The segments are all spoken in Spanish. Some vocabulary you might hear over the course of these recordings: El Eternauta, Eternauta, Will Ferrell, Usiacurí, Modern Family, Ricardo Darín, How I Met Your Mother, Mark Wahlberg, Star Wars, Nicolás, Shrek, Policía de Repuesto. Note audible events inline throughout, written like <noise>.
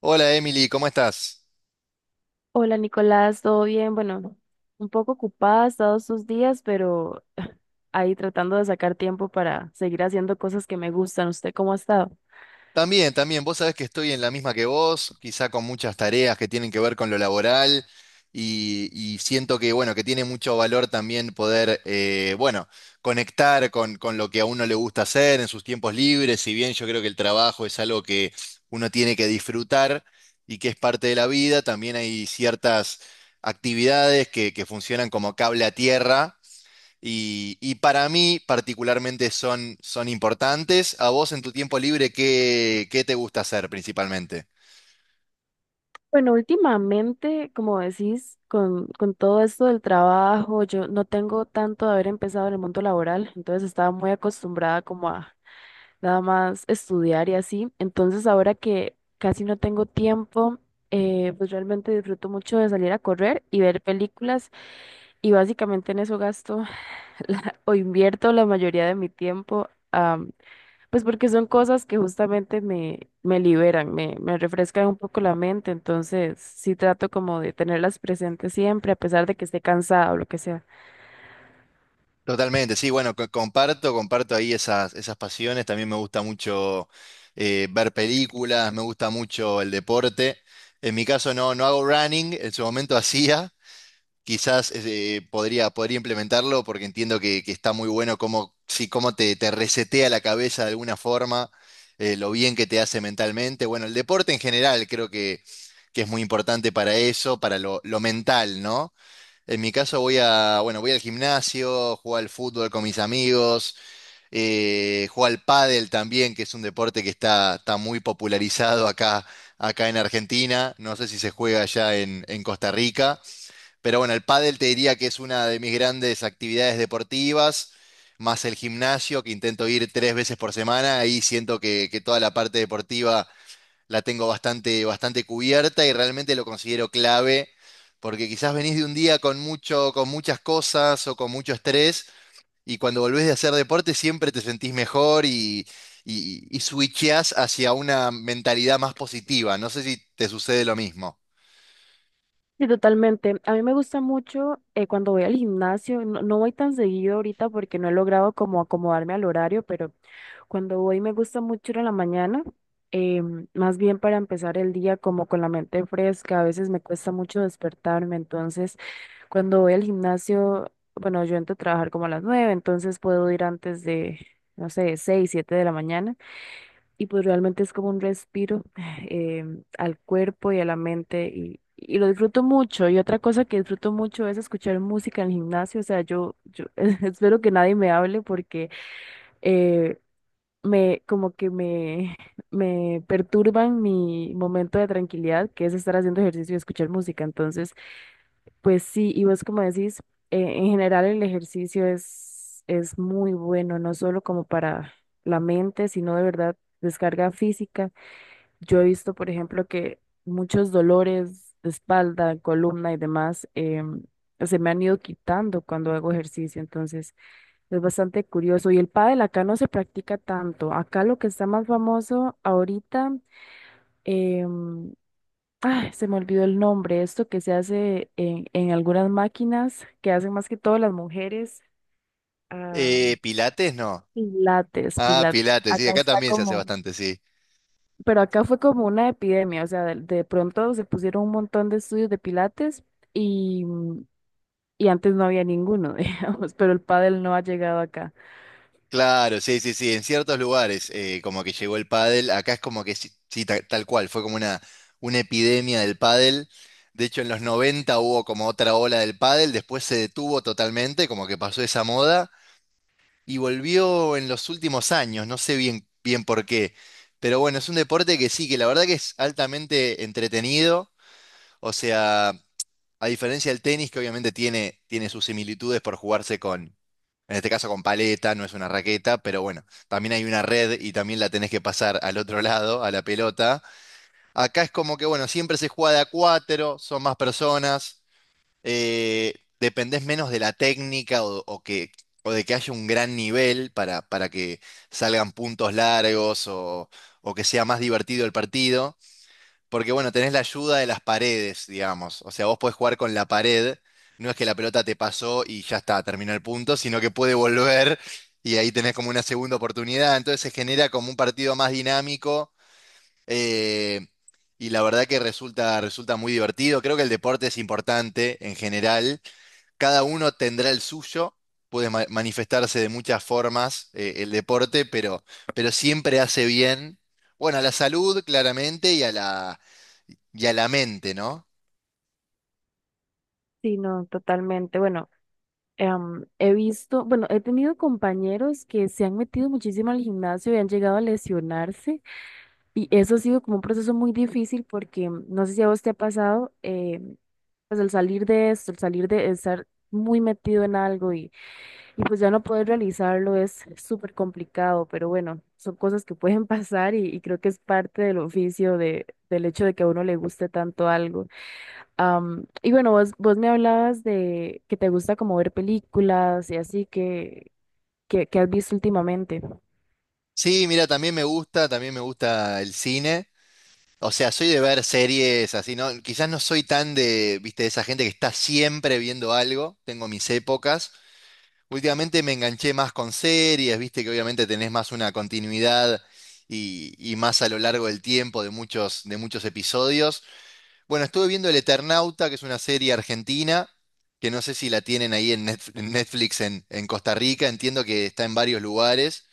Hola Emily, ¿cómo estás? Hola Nicolás, ¿todo bien? Bueno, un poco ocupada todos estos días, pero <laughs> ahí tratando de sacar tiempo para seguir haciendo cosas que me gustan. ¿Usted cómo ha estado? También, también, vos sabés que estoy en la misma que vos, quizá con muchas tareas que tienen que ver con lo laboral y siento que, bueno, que tiene mucho valor también poder, bueno, conectar con lo que a uno le gusta hacer en sus tiempos libres, si bien yo creo que el trabajo es algo que uno tiene que disfrutar y que es parte de la vida, también hay ciertas actividades que funcionan como cable a tierra. Y para mí particularmente son, son importantes. ¿A vos en tu tiempo libre qué, qué te gusta hacer principalmente? Bueno, últimamente, como decís, con todo esto del trabajo, yo no tengo tanto de haber empezado en el mundo laboral, entonces estaba muy acostumbrada como a nada más estudiar y así. Entonces ahora que casi no tengo tiempo, pues realmente disfruto mucho de salir a correr y ver películas y básicamente en eso gasto <laughs> o invierto la mayoría de mi tiempo. Pues porque son cosas que justamente me liberan, me refrescan un poco la mente, entonces sí trato como de tenerlas presentes siempre, a pesar de que esté cansada o lo que sea. Totalmente, sí, bueno, comparto, comparto ahí esas, esas pasiones. También me gusta mucho ver películas, me gusta mucho el deporte. En mi caso no, no hago running, en su momento hacía, quizás podría, podría implementarlo porque entiendo que está muy bueno cómo, sí, cómo te, te resetea la cabeza de alguna forma, lo bien que te hace mentalmente. Bueno, el deporte en general creo que es muy importante para eso, para lo mental, ¿no? En mi caso voy a, bueno, voy al gimnasio, juego al fútbol con mis amigos, juego al pádel también, que es un deporte que está, está muy popularizado acá, acá en Argentina. No sé si se juega allá en Costa Rica. Pero bueno, el pádel te diría que es una de mis grandes actividades deportivas, más el gimnasio, que intento ir tres veces por semana. Ahí siento que toda la parte deportiva la tengo bastante, bastante cubierta y realmente lo considero clave, porque quizás venís de un día con mucho, con muchas cosas o con mucho estrés, y cuando volvés de hacer deporte siempre te sentís mejor y switcheás hacia una mentalidad más positiva. No sé si te sucede lo mismo. Sí, totalmente. A mí me gusta mucho cuando voy al gimnasio. No, no voy tan seguido ahorita porque no he logrado como acomodarme al horario, pero cuando voy me gusta mucho ir a la mañana. Más bien para empezar el día como con la mente fresca, a veces me cuesta mucho despertarme, entonces... Cuando voy al gimnasio, bueno, yo entro a trabajar como a las 9, entonces puedo ir antes de, no sé, 6, 7 de la mañana. Y pues realmente es como un respiro, <sighs> al cuerpo y a la mente, y lo disfruto mucho. Y otra cosa que disfruto mucho es escuchar música en el gimnasio. O sea, yo <laughs> espero que nadie me hable porque eh, como que <laughs> me perturban mi momento de tranquilidad, que es estar haciendo ejercicio y escuchar música. Entonces... Pues sí, y vos como decís, en general el ejercicio es muy bueno, no solo como para la mente, sino de verdad descarga física. Yo he visto, por ejemplo, que muchos dolores de espalda, columna y demás se me han ido quitando cuando hago ejercicio, entonces es bastante curioso. Y el pádel acá no se practica tanto. Acá lo que está más famoso ahorita, em, ay, se me olvidó el nombre. Esto que se hace en algunas máquinas, que hacen más que todo las mujeres. ah, Pilates, no. Pilates, Ah, pilates. Pilates, sí, Acá acá está también se hace como... bastante, sí. Pero acá fue como una epidemia. O sea, de pronto se pusieron un montón de estudios de pilates y, y antes no había ninguno, <laughs> digamos, pero el pádel no ha llegado acá. Claro, sí, sí, sí, en ciertos lugares como que llegó el pádel, acá es como que sí, sí, tal, cual, fue como una epidemia del pádel. De hecho, en los 90 hubo como otra ola del pádel, después se detuvo totalmente, como que pasó esa moda y volvió en los últimos años, no sé bien, bien por qué. Pero bueno, es un deporte que sí, que la verdad que es altamente entretenido, o sea... A diferencia del tenis, que obviamente tiene, tiene sus similitudes por jugarse con, en este caso con paleta, no es una raqueta, pero bueno, también hay una red y también la tenés que pasar al otro lado, a la pelota. Acá es como que, bueno, siempre se juega de a cuatro, son más personas, eh, dependés menos de la técnica o que, o de que haya un gran nivel para que salgan puntos largos o que sea más divertido el partido. Porque bueno, tenés la ayuda de las paredes, digamos. O sea, vos podés jugar con la pared. No es que la pelota te pasó y ya está, terminó el punto, sino que puede volver y ahí tenés como una segunda oportunidad. Entonces se genera como un partido más dinámico eh, y la verdad que resulta, resulta muy divertido. Creo que el deporte es importante en general. Cada uno tendrá el suyo. Puede manifestarse de muchas formas el deporte, pero siempre hace bien, bueno, a la salud claramente y a la mente, ¿no? Sí, no, totalmente. Bueno, he visto, bueno, he tenido compañeros que se han metido muchísimo al gimnasio y han llegado a lesionarse. Y eso ha sido como un proceso muy difícil porque mm, no sé si a vos te ha pasado. Pues el salir de esto, el salir de estar muy metido en algo, y pues ya no poder realizarlo es súper complicado, pero bueno, son cosas que pueden <laughs> pasar, y creo que es parte del oficio de, del hecho de que a uno le guste tanto algo. Y bueno, vos me hablabas de que te gusta como ver películas y así, que, ¿que has visto últimamente? Sí, mira, también me gusta el cine. O sea, soy de ver series así, ¿no? Quizás no soy tan de, viste, de esa gente que está siempre viendo algo. Tengo mis épocas. Últimamente me enganché más con series, viste, que obviamente tenés más una continuidad y más a lo largo del tiempo de muchos episodios. Bueno, estuve viendo El Eternauta, que es una serie argentina, que no sé si la tienen ahí en en Netflix en Costa Rica. Entiendo que está en varios lugares.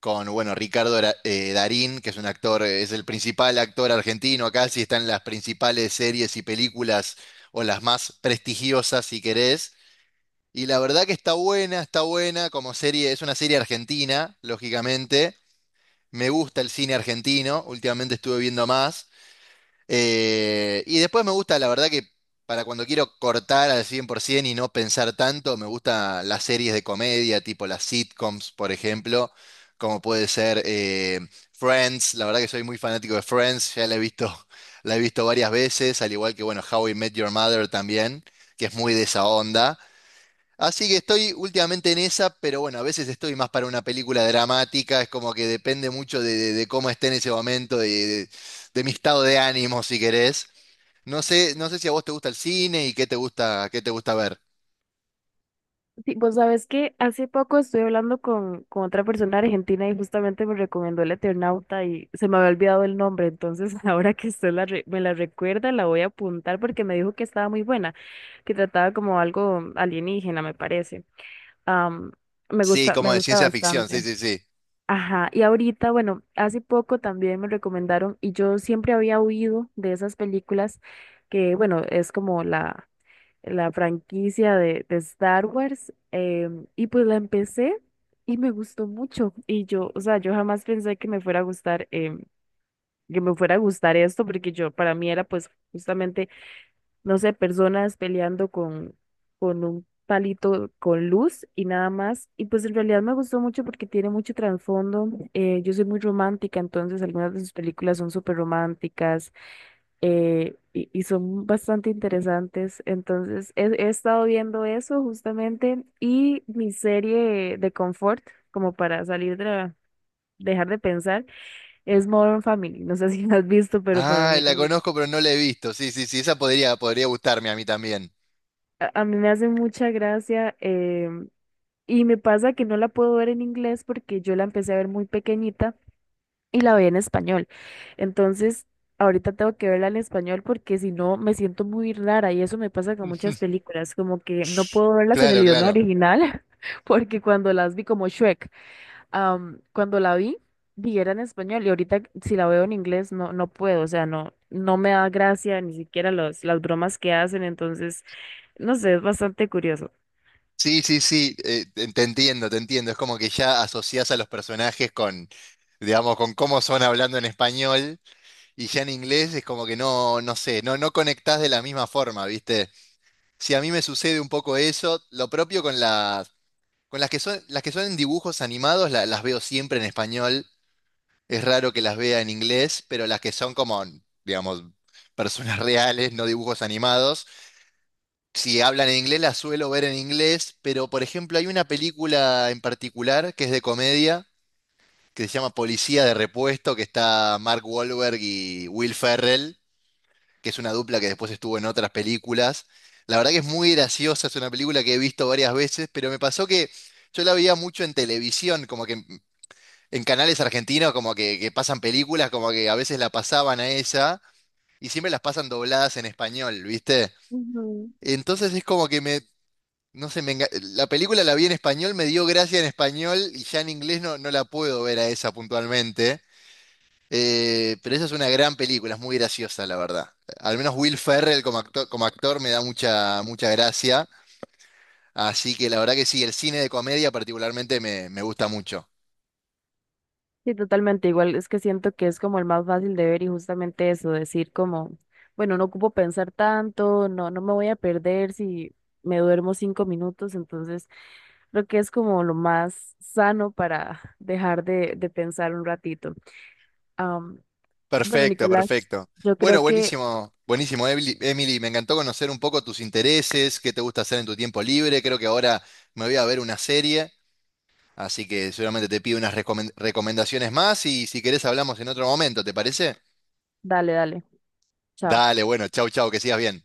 Con, bueno, Darín, que es un actor, es el principal actor argentino acá, sí está en las principales series y películas o las más prestigiosas, si querés. Y la verdad que está buena como serie, es una serie argentina, lógicamente. Me gusta el cine argentino, últimamente estuve viendo más. Y después me gusta, la verdad que para cuando quiero cortar al 100% y no pensar tanto, me gustan las series de comedia, tipo las sitcoms, por ejemplo, como puede ser Friends, la verdad que soy muy fanático de Friends, ya la he visto, <laughs> la he visto varias veces, al igual que, bueno, How I Met Your Mother también, que es muy de esa onda. Así que estoy últimamente en esa, pero bueno, a veces estoy más para una película dramática, es como que depende mucho de, de cómo esté en ese momento, de, de mi estado de ánimo, si querés. No sé, no sé si a vos te gusta el cine y qué te gusta ver. Sí, vos sabés que hace poco estuve hablando con otra persona argentina y justamente me recomendó El Eternauta y se me había olvidado el nombre, entonces <laughs> ahora que usted me la recuerda, la voy a apuntar porque me dijo que estaba muy buena, que trataba como algo alienígena, me parece. Am, Me Sí, gusta, como me de gusta ciencia ficción, sí, bastante. sí, sí. Ajá. Y ahorita, bueno, hace poco también me recomendaron, y yo siempre había oído de esas películas que, bueno, es como la franquicia de Star Wars, y pues la empecé y me gustó mucho. Y yo, o sea, yo jamás pensé que me fuera a gustar, esto, porque yo, para mí, era pues justamente, no sé, personas peleando con un palito con luz y nada más. Y pues en realidad me gustó mucho porque tiene mucho trasfondo. Yo soy muy romántica, entonces algunas de sus películas son súper románticas, y son bastante interesantes. Entonces, he estado viendo eso justamente. Y mi serie de confort, como para dejar de pensar, es Modern Family. No sé <laughs> si la has visto, pero para Ah, mí, a la mí, conozco, pero no la he visto. Sí, sí, sí, esa podría, podría gustarme a mí también. A mí me hace mucha gracia. Y me pasa que no la puedo ver en inglés porque yo la empecé a ver muy pequeñita, y la veía en español. Entonces, ahorita tengo que verla en español porque si no me siento muy rara. Y eso me pasa con muchas <laughs> películas, como que no puedo verlas en el Claro, idioma claro. original. <laughs> Porque cuando las vi, como Shrek, am, cuando la vi, vi era en español, y ahorita si la veo en inglés no, no puedo, o sea, no no me da gracia ni siquiera las bromas que hacen. Entonces, no sé, es bastante curioso. Sí, sí, sí, te te entiendo, te entiendo. Es como que ya asociás a los personajes con, digamos, con cómo son hablando en español. Y ya en inglés es como que no, no sé, no, no conectás de la misma forma, ¿viste? Si a mí me sucede un poco eso, lo propio con las que son en dibujos animados, las veo siempre en español. Es raro que las vea en inglés, pero las que son como, digamos, personas <laughs> reales, no dibujos animados. Si hablan en inglés, las suelo ver en inglés, pero por ejemplo hay una película en particular que es de comedia, que se llama Policía de Repuesto, que está Mark Wahlberg y Will Ferrell, que es una dupla que después estuvo en otras películas. La verdad que es muy graciosa, es una película que he visto varias veces, pero me pasó que yo la veía mucho en televisión, como que en canales argentinos, como que pasan películas, como que a veces la pasaban a esa, y siempre las pasan dobladas en español, ¿viste? Entonces es como que me, no sé, la película la vi en español, me dio gracia en español, y ya en inglés no, no la puedo ver a esa puntualmente. Pero esa es una gran película, es muy graciosa, la verdad. Al menos Will Ferrell como actor me da mucha, mucha gracia. Así que la verdad que sí, el cine de comedia particularmente me, me gusta mucho. Sí, totalmente. Igual, es que siento que es como el más fácil de ver y justamente eso, decir como, bueno, no ocupo pensar tanto, no, no me voy a perder si me duermo 5 minutos, entonces creo que es como lo más sano para dejar de pensar un ratito. Am, bueno, Perfecto, Nicolás, perfecto. yo Bueno, creo que, buenísimo, buenísimo, Emily, Emily, me encantó conocer un poco tus intereses, qué te gusta hacer en tu tiempo libre. Creo que ahora me voy a ver una serie, así que seguramente te pido unas recomendaciones más y si querés hablamos en otro momento, ¿te parece? dale, dale, chao. Dale, bueno, chau, chau, que sigas bien.